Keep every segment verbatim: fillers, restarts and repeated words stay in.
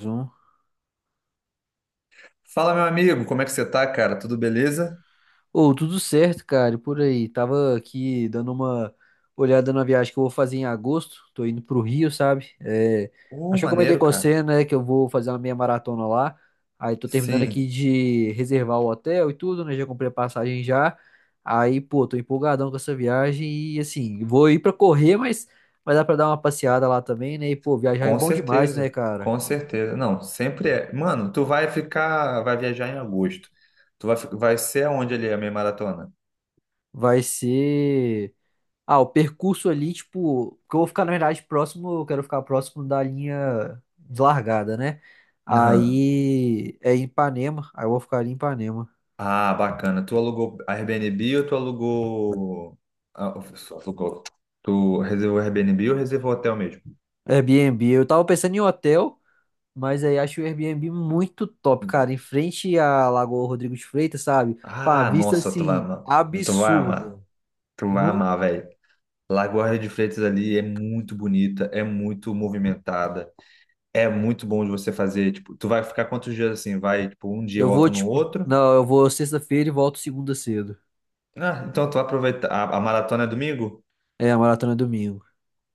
um Fala, meu amigo, como é que você tá, cara? Tudo beleza? Ô, tudo certo, cara, e por aí. Tava aqui dando uma olhada na viagem que eu vou fazer em agosto. Tô indo pro Rio, sabe? É, Uh, Acho que eu comentei maneiro, com cara. você, né, que eu vou fazer uma meia maratona lá. Aí tô terminando aqui Sim, de reservar o hotel e tudo, né? Já comprei a passagem já. Aí, pô, tô empolgadão com essa viagem e assim, vou ir pra correr, mas vai dar pra dar uma passeada lá também, né? E, pô, viajar é com bom demais, né, certeza. cara? Com certeza. Não, sempre é. Mano, tu vai ficar, vai viajar em agosto. Tu vai, fi- vai ser aonde ali a meia maratona? Vai ser. Ah, o percurso ali, tipo, que eu vou ficar, na verdade, próximo, eu quero ficar próximo da linha de largada, né? Aham. Aí é em Ipanema, aí eu vou ficar ali em Ipanema. Ah, bacana. Tu alugou Airbnb ou tu alugou ah, alugou. Tu reservou Airbnb ou reservou hotel mesmo? Airbnb, eu tava pensando em hotel, mas aí acho o Airbnb muito top, cara, em frente à Lagoa Rodrigo de Freitas, sabe? Com a Ah, vista, nossa, tu vai assim, amar. Tu vai amar. absurda. Tu vai No, amar, velho. Lagoa de Freitas ali é muito bonita, é muito movimentada, é muito bom de você fazer. Tipo, tu vai ficar quantos dias assim? Vai, tipo, um dia e eu vou, volta no tipo, outro? não, eu vou sexta-feira e volto segunda cedo. Ah, então tu vai aproveitar, a, a maratona é domingo? É, a maratona é domingo.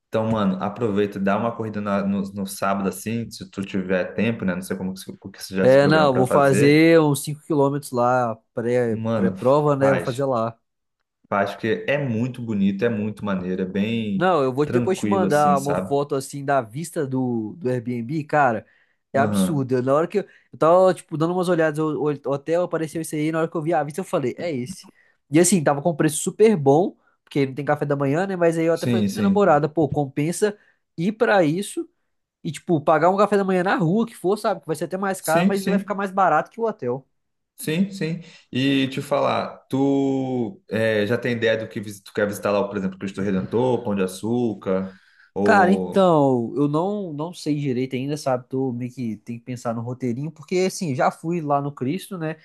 Então, mano, aproveita, dá uma corrida na- no, no sábado assim, se tu tiver tempo, né? Não sei como que, se- o que você já se É, programa não, pra vou fazer. fazer uns cinco quilômetros lá, pré, Mano, pré-prova, né? Vou fazer faz, lá. faz, porque é muito bonito, é muito maneiro, é bem Não, eu vou depois te tranquilo assim, mandar uma sabe? foto assim da vista do, do Airbnb, cara. É Aham, absurdo. Eu- Na hora que eu, eu tava, tipo, dando umas olhadas, o o hotel apareceu isso aí, na hora que eu vi a vista, eu falei, é esse. E assim, tava com preço super bom, porque não tem café da manhã, né? Mas aí eu até falei sim, com minha sim. namorada, pô, compensa ir pra isso e, tipo, pagar um café da manhã na rua que for, sabe? Que vai ser até mais caro, Sim, mas ainda vai ficar sim. mais barato que o hotel. Sim, sim. E te falar, tu eh, já tem ideia do que visi- tu quer visitar lá, por exemplo, Cristo Redentor, Pão de Açúcar Cara, ou? então, eu não não sei direito ainda, sabe? Tô meio que tem que pensar no roteirinho, porque assim, já fui lá no Cristo, né?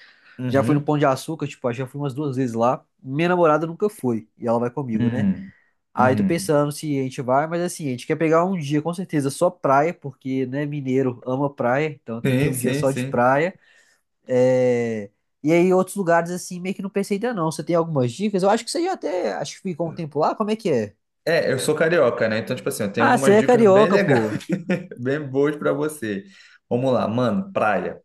Já fui no Uhum, Pão de Açúcar, tipo, acho que já fui umas duas vezes lá. Minha namorada nunca foi, e ela vai comigo, né? uhum, Aí tô uhum. pensando se a gente vai, mas assim, a gente quer pegar um dia com certeza só praia, porque, né, mineiro ama praia, então tem que ter Sim, um dia sim, só de sim. praia. É... E aí outros lugares assim, meio que não pensei ainda não. Você tem algumas dicas? Eu acho que você já até, acho que ficou um tempo lá, como é que é? É, eu sou carioca, né? Então, tipo assim, eu tenho Ah, você algumas é dicas bem carioca, legais, pô. bem boas pra você. Vamos lá, mano, praia.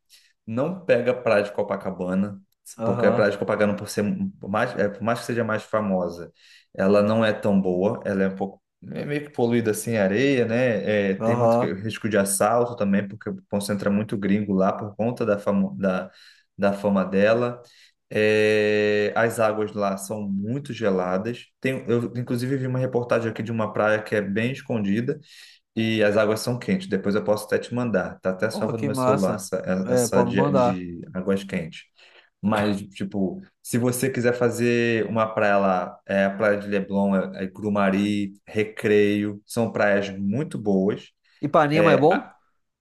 Não pega praia de Copacabana, porque a Aham. praia de Copacabana, por ser mais, é, por mais que seja mais famosa, ela não é tão boa, ela é um pouco, é meio que poluída assim, areia, né? É, tem muito Aham. que- risco de assalto também, porque concentra muito gringo lá por conta da, famo, da, da fama dela. É, as águas lá são muito geladas. Tem, eu, inclusive, vi uma reportagem aqui de uma praia que é bem escondida e as águas são quentes. Depois eu posso até te mandar. Tá até Oh, salvo no que meu celular massa. essa, é, É, essa pode me de, mandar. de águas quentes. Mas, tipo, se você quiser fazer uma praia lá, é a Praia de Leblon, é, é Grumari, Recreio, são praias muito boas. Ipanema é É, bom? a-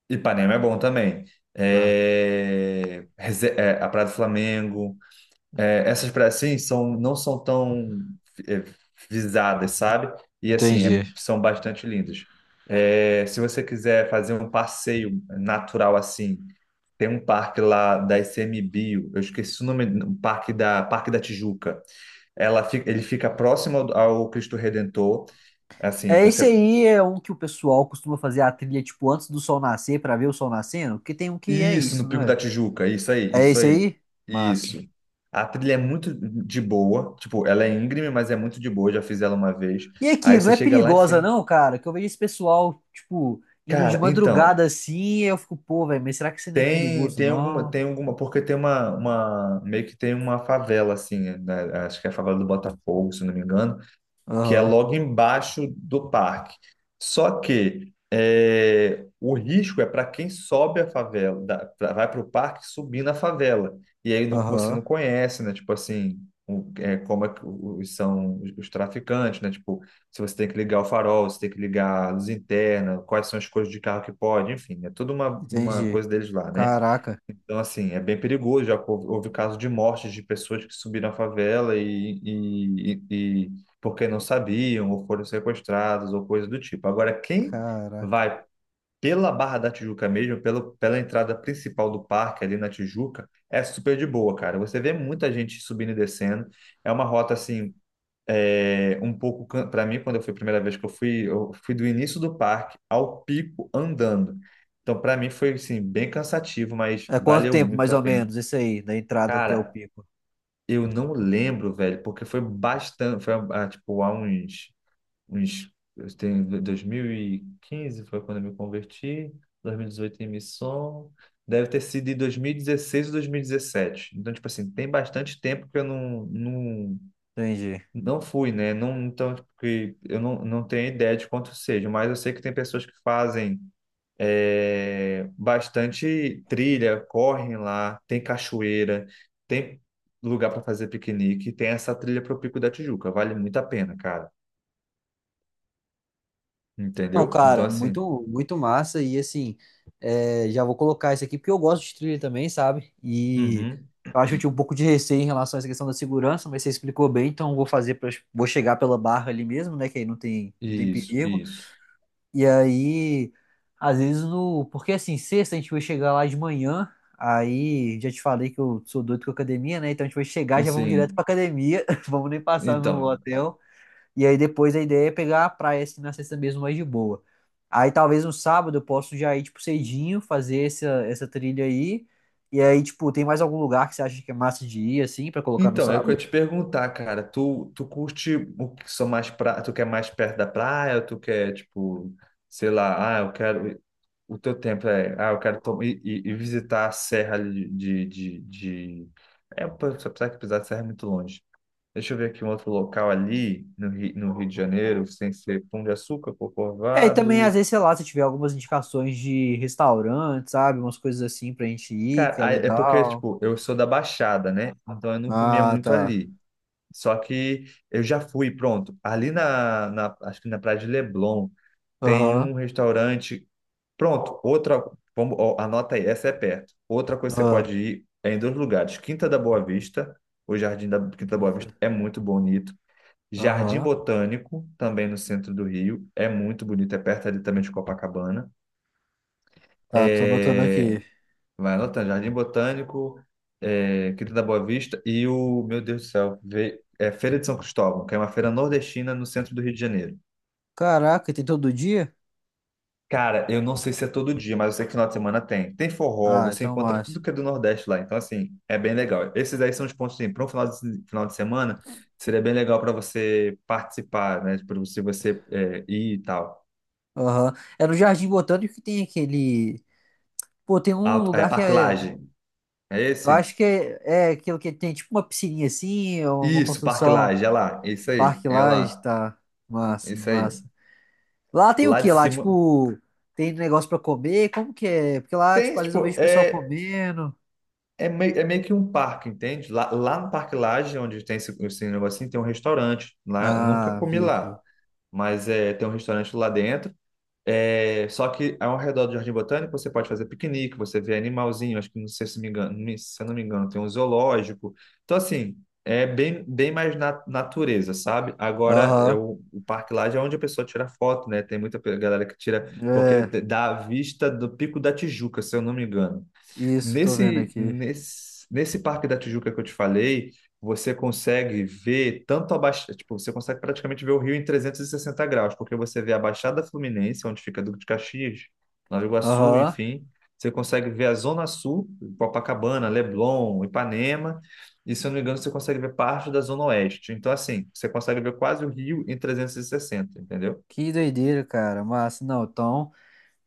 Ipanema é bom também. Tá. É, Reze- é, a Praia do Flamengo é, essas praias assim são, não são tão é, visadas, sabe? E assim, é- Entendi. são bastante lindas. É, se você quiser fazer um passeio natural assim, tem um parque lá da ICMBio, eu esqueci o nome, um parque da Parque da Tijuca. Ela fica, ele fica próximo ao, ao Cristo Redentor. Assim, É, você. esse aí é um que o pessoal costuma fazer a trilha, tipo, antes do sol nascer, pra ver o sol nascendo, porque tem um que é Isso, isso, no não Pico da é? Tijuca, isso aí, É isso esse aí, aí? Massa. isso. A trilha é muito de boa, tipo, ela é íngreme, mas é muito de boa, já fiz ela uma vez. E aqui, Aí não você é chega lá em perigosa cima. não, cara? Que eu vejo esse pessoal, tipo, indo de Cara, madrugada então, assim, e eu fico, pô, velho, mas será que isso não é tem perigoso, tem alguma, não? tem alguma, porque tem uma, uma meio que tem uma favela assim, né? Acho que é a favela do Botafogo, se não me engano, que é Aham, logo embaixo do parque. Só que é, o risco é para quem sobe a favela, da- pra- vai para o parque subir na favela. E aí não- você aham, não conhece, né? Tipo assim, o- é, como é que os, são os os traficantes, né? Tipo, se você tem que ligar o farol, se tem que ligar a luz interna, quais são as coisas de carro que pode, enfim, é toda uma, uma entendi. coisa deles lá, né? Caraca, Então, assim, é bem perigoso. Já houve, houve casos de mortes de pessoas que subiram à favela e, e, e, e porque não sabiam, ou foram sequestradas, ou coisa do tipo. Agora, quem caraca. vai pela Barra da Tijuca mesmo, pelo, pela entrada principal do parque ali na Tijuca, é super de boa, cara. Você vê muita gente subindo e descendo. É uma rota, assim, é, um pouco. Para mim, quando eu fui a primeira vez que eu fui eu fui do início do parque ao pico andando. Então para mim foi assim bem cansativo, mas É quanto valeu tempo, mais muito a ou pena. menos, esse aí, da entrada até o Cara, pico? eu não lembro, velho, porque foi bastante, foi ah, tipo há uns uns. Eu tenho dois mil e quinze, foi quando eu me converti, dois mil e dezoito em missão, deve ter sido de dois mil e dezesseis ou dois mil e dezessete. Então, tipo assim, tem bastante tempo que eu não, não Entendi. não fui, né? Não, então, tipo, que eu não, não tenho ideia de quanto seja, mas eu sei que tem pessoas que fazem é, bastante trilha, correm lá, tem cachoeira, tem lugar para fazer piquenique, tem essa trilha para o Pico da Tijuca, vale muito a pena, cara. Não, Entendeu? Então, cara, assim, muito, muito massa. E assim, é, já vou colocar isso aqui porque eu gosto de trilha também, sabe? E uhum, eu acho que eu tinha um pouco de receio em relação a essa questão da segurança, mas você explicou bem, então eu vou fazer, pra, vou chegar pela barra ali mesmo, né? Que aí não tem, não tem isso, perigo. isso. E aí, às vezes no. Porque assim, sexta a gente vai chegar lá de manhã, aí já te falei que eu sou doido com academia, né? Então a gente vai chegar, já vamos direto Assim, pra academia, vamos nem passar no então, hotel. E aí depois a ideia é pegar a praia assim na sexta mesmo mais de boa. Aí talvez no sábado eu posso já ir tipo cedinho, fazer essa, essa trilha aí. E aí, tipo, tem mais algum lugar que você acha que é massa de ir assim pra colocar no então, é o que eu sábado? ia te perguntar, cara. Tu, tu curte o que? São mais pra, tu quer mais perto da praia, ou tu quer, tipo, sei lá, ah, eu quero. O teu tempo é, ah, eu quero to- e, e- e visitar a serra ali de, de, de... É, pô, só precisa que pisar de serra é muito longe. Deixa eu ver aqui um outro local ali no Rio, no Rio de Janeiro, sem ser Pão de Açúcar, É, e também às Corcovado. vezes, sei lá, se tiver algumas indicações de restaurante, sabe? Umas coisas assim pra gente ir, Cara, que é aí é porque, legal. tipo, eu sou da Baixada, né? Então eu não comia Ah, muito tá. ali. Só que eu já fui, pronto. Ali na, na acho que na Praia de Leblon, tem Aham. um restaurante. Pronto, outra, vamos, ó, anota aí, essa é perto. Outra coisa que você Aham. pode ir é em dois lugares, Quinta da Boa Vista. O Jardim da Quinta da Boa Vista Quinta. é muito bonito. Jardim Aham. Botânico, também no centro do Rio, é muito bonito, é perto ali também de Copacabana. Tá, tô anotando É, aqui. vai anotando, Jardim Botânico, é, Quinta da Boa Vista e o, meu Deus do céu, vê- é Feira de São Cristóvão, que é uma feira nordestina no centro do Rio de Janeiro. Caraca, tem todo dia? Cara, eu não sei se é todo dia, mas eu sei que final de semana tem. Tem forró, Ah, você então encontra massa. tudo que é do Nordeste lá. Então, assim, é bem legal. Esses aí são os pontos, assim, para um final de, final de semana, seria bem legal para você participar, né? Para você, você é, ir e tal. Aham. É no Jardim Botânico que tem aquele. Pô, tem um Alto, é, lugar que Parque é. Lage. É Eu esse? acho que é, é aquilo que tem tipo uma piscininha assim, ou uma Isso, Parque construção, Lage, é lá. É isso aí, parque é lá, lá. tá. É Massa, isso aí. massa. Lá tem o Lá de quê? Lá, cima. tipo, tem negócio pra comer? Como que é? Porque lá, Tem, tipo, às vezes eu tipo, vejo o pessoal é, comendo. é, meio, é meio que um parque, entende? Lá, lá no Parque Lage, onde tem esse, esse negocinho, tem um restaurante. Lá, eu nunca Ah, comi vi aqui. lá, mas é, tem um restaurante lá dentro. É, só que ao redor do Jardim Botânico você pode fazer piquenique, você vê animalzinho, acho que não sei se me engano, me- se eu não me engano, tem um zoológico. Então, assim, é bem, bem mais na natureza, sabe? Agora, é Aham. o, o parque lá já é onde a pessoa tira foto, né? Tem muita pe- galera que tira, porque ele É, te- dá a vista do Pico da Tijuca, se eu não me engano. isso, tô vendo Nesse, aqui. nesse, nesse Parque da Tijuca que eu te falei, você consegue ver tanto a Baixada, tipo, você consegue praticamente ver o Rio em trezentos e sessenta graus, porque você vê a Baixada Fluminense, onde fica Duque de Caxias, Nova Iguaçu, Aham. enfim. Você consegue ver a Zona Sul, Copacabana, Leblon, Ipanema, e se eu não me engano, você consegue ver parte da Zona Oeste. Então, assim, você consegue ver quase o Rio em trezentos e sessenta, entendeu? Que doideira, cara. Massa, não, então.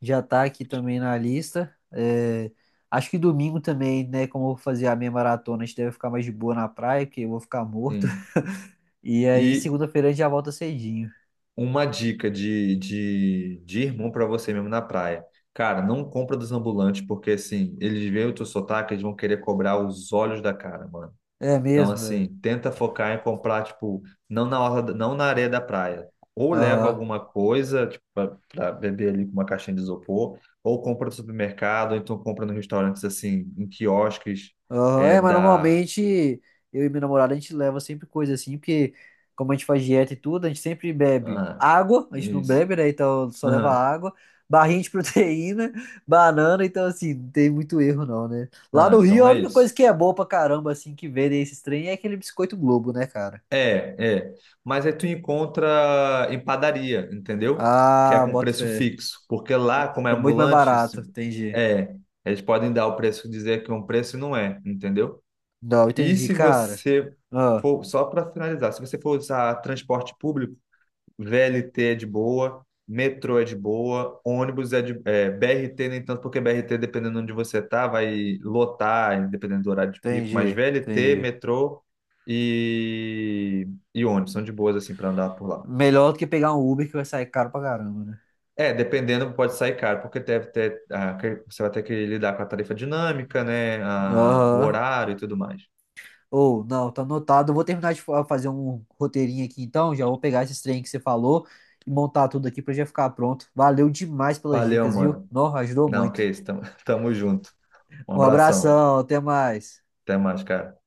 Já tá aqui também na lista. É, acho que domingo também, né? Como eu vou fazer a minha maratona, a gente deve ficar mais de boa na praia, porque eu vou ficar morto. Sim. E aí, E segunda-feira, a gente já volta cedinho. uma dica de, de, de irmão para você mesmo na praia. Cara, não compra dos ambulantes, porque assim, eles veem o teu sotaque, eles vão querer cobrar os olhos da cara, mano. É Então, mesmo, velho. assim, tenta focar em comprar, tipo, não na orla, da- não na areia da praia. Ou leva Aham. alguma coisa, tipo, pra, pra beber ali com uma caixinha de isopor, ou compra no supermercado, ou então compra nos restaurantes, assim, em quiosques, Aham, é é, mas da. normalmente eu e minha namorada a gente leva sempre coisa assim, porque como a gente faz dieta e tudo, a gente sempre bebe Ah, água, a gente não isso. bebe, né? Então só leva Aham. água, barrinha de proteína, banana, então assim, não tem muito erro não, né? Lá Não, no Rio então a é única coisa isso. que é boa pra caramba, assim, que vendem esses trem é aquele biscoito Globo, né, cara? É, é. Mas aí tu encontra em padaria, entendeu? Que é Ah, com bota preço fé. fixo. Porque lá, como é É muito mais ambulante, se- barato, entendi. é, eles podem dar o preço, dizer que é um preço e não é, entendeu? Não, E entendi, se cara. você Ah, for, só para finalizar, se você for usar transporte público, V L T é de boa, metrô é de boa, ônibus é de. é, B R T nem tanto, porque B R T, dependendo de onde você tá, vai lotar, dependendo do horário de pico, mas entendi, V L T, entendi. metrô e, e ônibus são de boas, assim, para andar por lá. Melhor do que pegar um Uber que vai sair caro pra caramba, né? É, dependendo, pode sair caro, porque deve ter, ah, que- você vai ter que lidar com a tarifa dinâmica, né? A- o Aham. horário e tudo mais. Ou, não, tá anotado. Eu vou terminar de fa- fazer um roteirinho aqui então. Já vou pegar esses trem que você falou e montar tudo aqui pra já ficar pronto. Valeu demais pelas Valeu, dicas, viu? mano. Não, ajudou Não, muito. que isso, tamo, tamo junto. Um Um abração. abração, até mais. Até mais, cara.